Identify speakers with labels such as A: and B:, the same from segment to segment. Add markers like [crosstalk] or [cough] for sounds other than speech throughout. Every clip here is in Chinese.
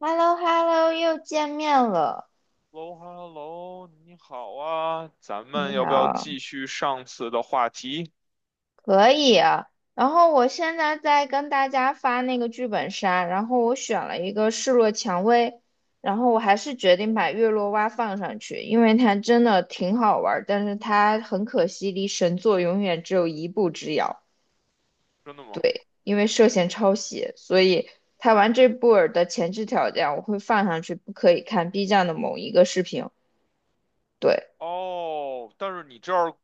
A: h e l l o h e l l o 又见面了。
B: Hello Hello，你好啊，咱们
A: 你
B: 要不要
A: 好，
B: 继续上次的话题？
A: 可以啊。然后我现在在跟大家发那个剧本杀，然后我选了一个示弱蔷薇，然后我还是决定把月落蛙放上去，因为它真的挺好玩儿，但是它很可惜离神作永远只有一步之遥。
B: 真的吗？
A: 对，因为涉嫌抄袭，所以它玩这部儿的前置条件我会放上去，不可以看 B 站的某一个视频。对。
B: 哦，但是你这儿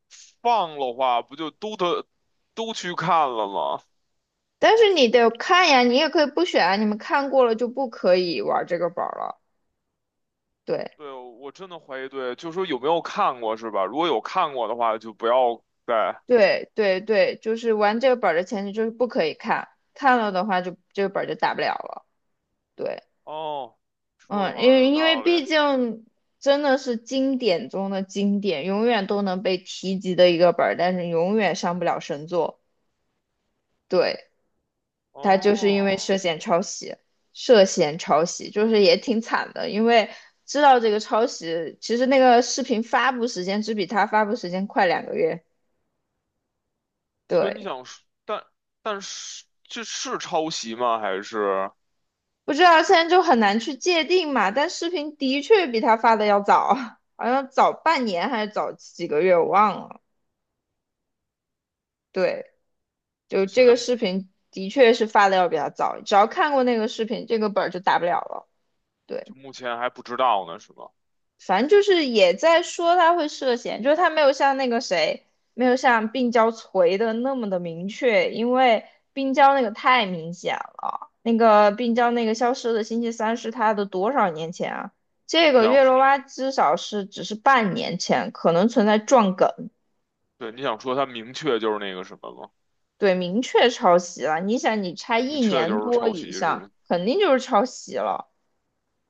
B: 放的话，不就都得去看了吗？
A: 但是你得看呀，你也可以不选啊，你们看过了就不可以玩这个本儿了。对
B: 对，我真的怀疑，对，就说有没有看过是吧？如果有看过的话，就不要再。
A: 对对对，就是玩这个本儿的前提就是不可以看，看了的话就这个本儿就打不了了。对，
B: 哦，说的
A: 嗯，
B: 好
A: 因
B: 像
A: 为
B: 有
A: 因为
B: 道理。
A: 毕竟真的是经典中的经典，永远都能被提及的一个本儿，但是永远上不了神作。对。他就是因为
B: 哦，
A: 涉嫌抄袭，涉嫌抄袭，就是也挺惨的，因为知道这个抄袭，其实那个视频发布时间只比他发布时间快2个月，
B: 所以你
A: 对，
B: 想说，但是这是抄袭吗？还是
A: 不知道现在就很难去界定嘛，但视频的确比他发的要早，[laughs] 好像早半年还是早几个月，我忘了，对，就
B: 就现
A: 这
B: 在
A: 个
B: 目
A: 视频的确是发的要比他早，只要看过那个视频，这个本儿就打不了了，对，
B: 就目前还不知道呢，是吗？
A: 反正就是也在说他会涉嫌，就是他没有像那个谁，没有像病娇锤的那么的明确，因为病娇那个太明显了。那个病娇那个消失的星期三是他的多少年前啊？这个
B: 想
A: 月罗拉至少是只是半年前，可能存在撞梗，
B: 对，你想说他明确就是那个什么吗？
A: 对，明确抄袭了。你想，你差
B: 明
A: 一
B: 确就
A: 年
B: 是
A: 多
B: 抄袭
A: 以
B: 是
A: 上，
B: 吗？
A: 肯定就是抄袭了。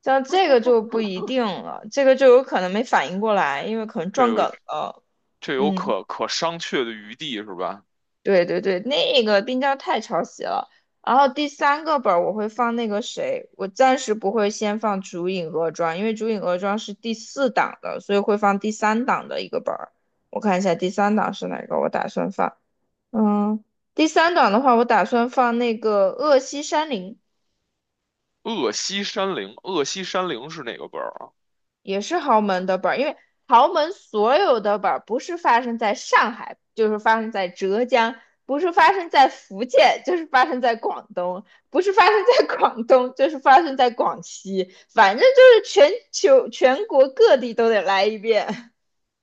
A: 像这个就不一定了，这个就有可能没反应过来，因为可能
B: 这
A: 撞梗
B: 个
A: 了。
B: 这有
A: 嗯。
B: 可商榷的余地是吧？
A: 对对对，那个冰雕太抄袭了。然后第三个本儿我会放那个谁，我暂时不会先放《烛影恶庄》，因为《烛影恶庄》是第四档的，所以会放第三档的一个本儿。我看一下第三档是哪个，我打算放。嗯，第三档的话，我打算放那个《恶西山林》。
B: 鄂西山灵，鄂西山灵是哪个本儿啊？
A: 也是豪门的本儿，因为豪门所有的本儿不是发生在上海，就是发生在浙江；不是发生在福建，就是发生在广东；不是发生在广东，就是发生在广西。反正就是全球全国各地都得来一遍，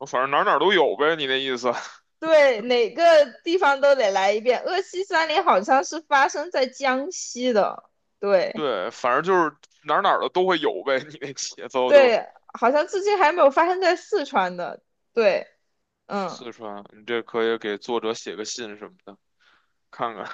B: 反正哪儿哪儿都有呗，你那意思？[laughs]
A: [laughs] 对，哪个地方都得来一遍。鄂西三林好像是发生在江西的，对
B: 对，反正就是哪儿哪儿的都会有呗，你那节奏就
A: 对，好像至今还没有发生在四川的，对，嗯。
B: 四川，你这可以给作者写个信什么的，看看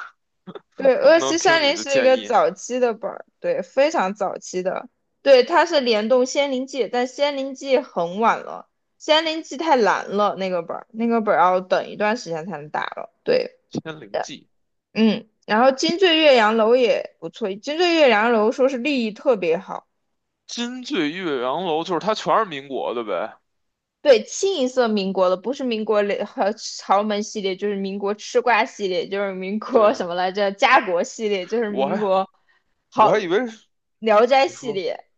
B: [laughs]
A: 对，
B: 能不
A: 鄂
B: 能
A: 西山
B: 听你
A: 林
B: 的
A: 是一
B: 建
A: 个
B: 议。
A: 早期的本儿，对，非常早期的。对，它是联动《仙灵记》，但《仙灵记》很晚了，《仙灵记》太难了，那个本儿，那个本儿要等一段时间才能打了。对，
B: 《千灵记》
A: 嗯，然后金醉岳阳楼也不错，金醉岳阳楼说是利益特别好，
B: 金醉岳阳楼就是它全是民国的呗？
A: 对，清一色民国的，不是民国雷和豪门系列，就是民国吃瓜系列，就是民国
B: 对，
A: 什么来着？家国系列，就是
B: 我
A: 民
B: 还
A: 国
B: 我
A: 好
B: 还以为是
A: 聊斋
B: 你
A: 系
B: 说
A: 列，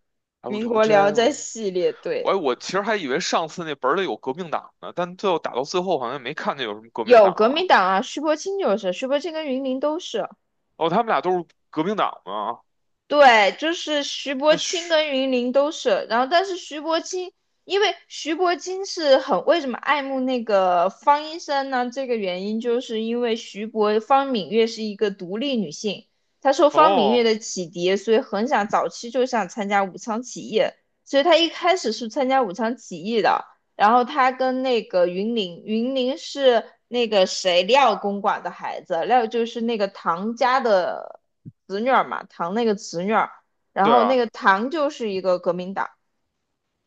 B: 还有
A: 民
B: 《聊
A: 国
B: 斋》
A: 聊斋
B: 哦，
A: 系列，对，
B: 我其实还以为上次那本儿里有革命党呢，但最后打到最后好像也没看见有什么革命
A: 有
B: 党
A: 革命
B: 啊。
A: 党啊，徐伯清就是，徐伯清跟云林都是。
B: 哦，他们俩都是革命党吗？
A: 对，就是徐伯
B: 那
A: 钦
B: 徐
A: 跟云林都是，然后但是徐伯钦，因为徐伯钦是很为什么爱慕那个方医生呢？这个原因就是因为徐伯方敏月是一个独立女性，她受方敏月
B: 哦，
A: 的启迪，所以很想早期就想参加武昌起义，所以她一开始是参加武昌起义的，然后他跟那个云林，云林是那个谁廖公馆的孩子，廖就是那个唐家的侄女儿嘛，唐那个侄女儿，然
B: 对
A: 后那
B: 啊，
A: 个唐就是一个革命党，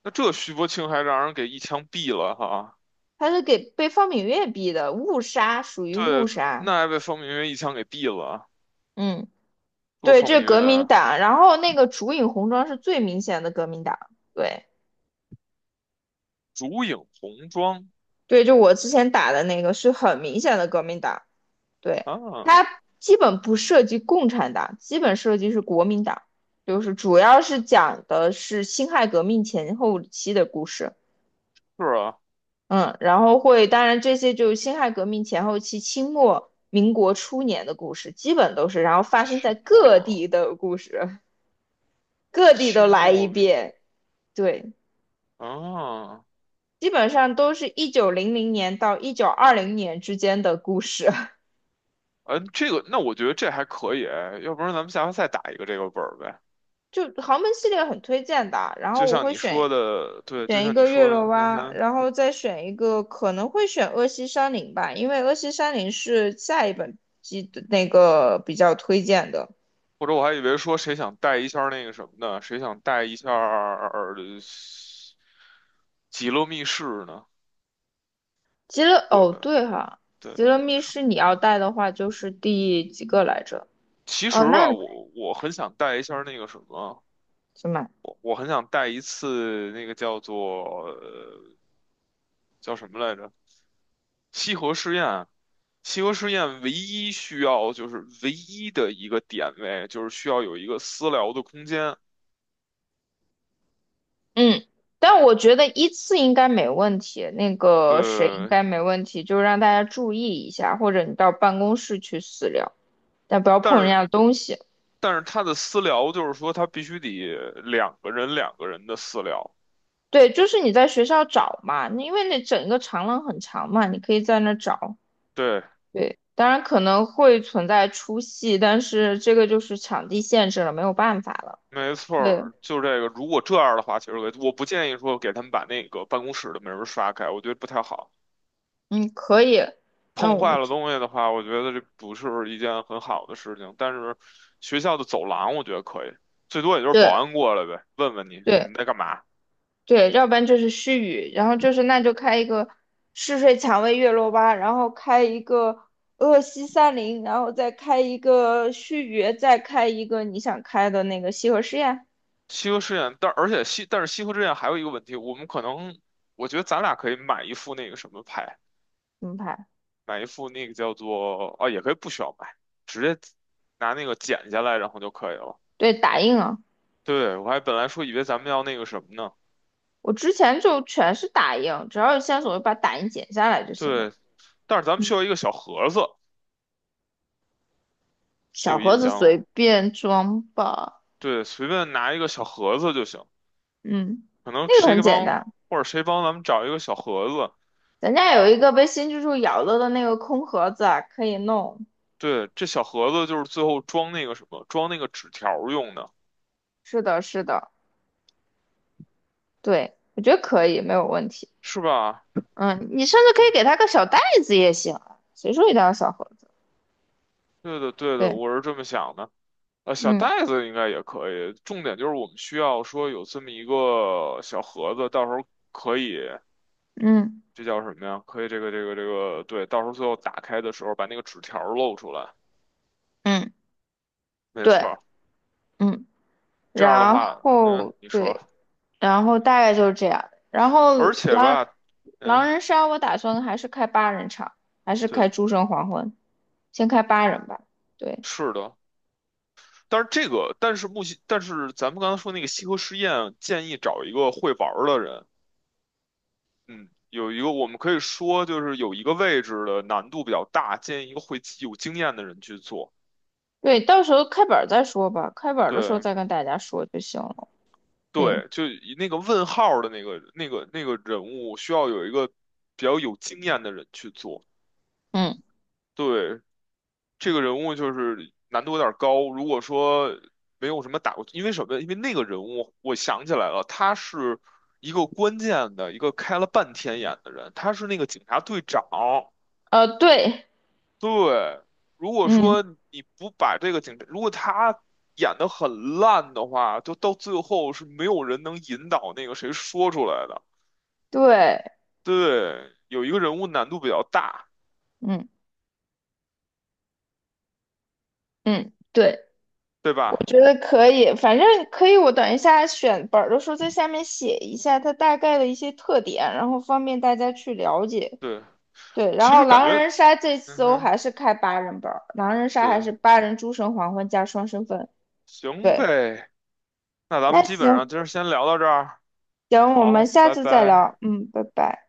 B: 那这徐伯清还让人给一枪毙了哈。
A: 他是给被方敏岳逼的，误杀属于误
B: 对，
A: 杀，
B: 那还被方明月一枪给毙了。
A: 嗯，
B: 这
A: 对，
B: 方
A: 这
B: 明
A: 是革命
B: 月，
A: 党，然后那个竹影红妆是最明显的革命党，对
B: 烛影红妆
A: 对，就我之前打的那个是很明显的革命党。对，
B: 啊，
A: 它基本不涉及共产党，基本涉及是国民党，就是主要是讲的是辛亥革命前后期的故事。
B: 是啊，
A: 嗯，然后会，当然这些就是辛亥革命前后期、清末民国初年的故事，基本都是，然后发生在
B: 清
A: 各地
B: 末
A: 的故事，各地都
B: 清
A: 来一
B: 末明
A: 遍。对，
B: 啊，
A: 基本上都是1900年到1920年之间的故事。
B: 嗯，这个那我觉得这还可以，要不然咱们下回再打一个这个本儿呗。
A: 就豪门系列很推荐的，然后
B: 就
A: 我
B: 像
A: 会
B: 你
A: 选
B: 说的，对，就
A: 选一
B: 像你
A: 个月
B: 说
A: 落
B: 的，嗯
A: 湾，
B: 哼，
A: 然后再选一个可能会选恶西山林吧，因为恶西山林是下一本季的那个比较推荐的。
B: 或者我还以为说谁想带一下儿那个什么呢？谁想带一下儿极乐密室呢？
A: 极乐
B: 我
A: 哦对哈，
B: 对，
A: 极乐密室你要带的话就是第几个来着？
B: 其
A: 哦，
B: 实
A: 那
B: 吧，我很想带一下儿那个什么，
A: 怎么？
B: 我很想带一次那个叫做叫什么来着？西河试验。西河试验唯一需要就是唯一的一个点位，就是需要有一个私聊的空间。
A: 嗯，但我觉得依次应该没问题，那个谁应
B: 对，
A: 该没问题，就让大家注意一下，或者你到办公室去私聊，但不要
B: 但
A: 碰人家
B: 是
A: 的东西。
B: 但是他的私聊就是说，他必须得两个人的私聊。
A: 对，就是你在学校找嘛，你因为那整个长廊很长嘛，你可以在那找。
B: 对，
A: 对，当然可能会存在出戏，但是这个就是场地限制了，没有办法了。
B: 没错
A: 对，
B: 儿，就这个。如果这样的话，其实我不建议说给他们把那个办公室的门儿刷开，我觉得不太好。
A: 嗯，可以。那
B: 碰
A: 我们
B: 坏了
A: 就
B: 东西的话，我觉得这不是一件很好的事情。但是学校的走廊，我觉得可以，最多也就是保
A: 对
B: 安过来呗，问问你
A: 对
B: 们在干嘛。
A: 对，要不然就是虚语，然后就是那就开一个嗜睡蔷薇月落吧，然后开一个鄂西三林，然后再开一个须臾，再开一个你想开的那个西河实验，
B: 西河实验，但是西河实验还有一个问题，我觉得咱俩可以买一副那个什么牌。
A: 怎么排？
B: 买一副那个叫做啊，也可以不需要买，直接拿那个剪下来，然后就可以了。
A: 对，打印啊。
B: 对，我还本来说以为咱们要那个什么呢，
A: 我之前就全是打印，只要有线索我就把打印剪下来就行了。
B: 对，但是咱们需
A: 嗯，
B: 要一个小盒子，你
A: 小
B: 有
A: 盒
B: 印
A: 子
B: 象
A: 随
B: 吗？
A: 便装吧。
B: 对，随便拿一个小盒子就行，
A: 嗯，
B: 可能
A: 那个
B: 谁
A: 很
B: 给
A: 简
B: 帮
A: 单。
B: 或者谁帮咱们找一个小盒子，
A: 咱家有一个被新蜘蛛咬了的那个空盒子啊，可以弄。
B: 对，这小盒子就是最后装那个什么，装那个纸条儿用的，
A: 是的，是的，对，我觉得可以，没有问题。
B: 是吧？
A: 嗯，你甚至可以给他个小袋子也行啊，谁说一定要小盒子？
B: 对的，对的，
A: 对，
B: 我是这么想的。呃，小
A: 嗯
B: 袋子应该也可以。重点就是我们需要说有这么一个小盒子，到时候可以，
A: 嗯
B: 这叫什么呀？可以这个，对，到时候最后打开的时候把那个纸条儿露出来。
A: 嗯，
B: 没错
A: 对，
B: 儿
A: 嗯，
B: 这样的
A: 然
B: 话，嗯，
A: 后
B: 你说，
A: 对，然后大概就是这样。然后
B: 而且
A: 狼
B: 吧，
A: 狼
B: 嗯，
A: 人杀，我打算还是开八人场，还是开
B: 对，
A: 诸神黄昏，先开八人吧。对
B: 是的。但是这个，但是咱们刚才说那个西河实验，建议找一个会玩儿的人。嗯，有一个我们可以说就是有一个位置的难度比较大，建议一个会有经验的人去做。
A: 对，到时候开本儿再说吧，开本儿的时候
B: 对
A: 再跟大家说就行了。对，
B: 对，就以那个问号儿的那个人物，需要有一个比较有经验的人去做。
A: 嗯，
B: 对，这个人物就是难度有点儿高。如果说没有什么打过，因为什么？因为那个人物，我想起来了，他是一个关键的一个开了半天眼的人，他是那个警察队长。
A: 对，
B: 对，如果
A: 嗯，
B: 说你不把这个警察，如果他演得很烂的话，就到最后是没有人能引导那个谁说出来的。
A: 对，
B: 对，有一个人物难度比较大，
A: 嗯嗯，对，
B: 对
A: 我
B: 吧？
A: 觉得可以，反正可以。我等一下选本儿的时候，在下面写一下它大概的一些特点，然后方便大家去了解。
B: 对，
A: 对，然
B: 其
A: 后
B: 实感
A: 狼
B: 觉，
A: 人杀这
B: 嗯
A: 次我
B: 哼，
A: 还是开8人本儿狼人杀还
B: 对，
A: 是八人诸神黄昏加双身份。
B: 行
A: 对，
B: 呗，那咱
A: 那
B: 们基本上
A: 行
B: 今儿先聊到这儿，
A: 行，我们
B: 好，
A: 下
B: 拜
A: 次再
B: 拜。
A: 聊。嗯，拜拜。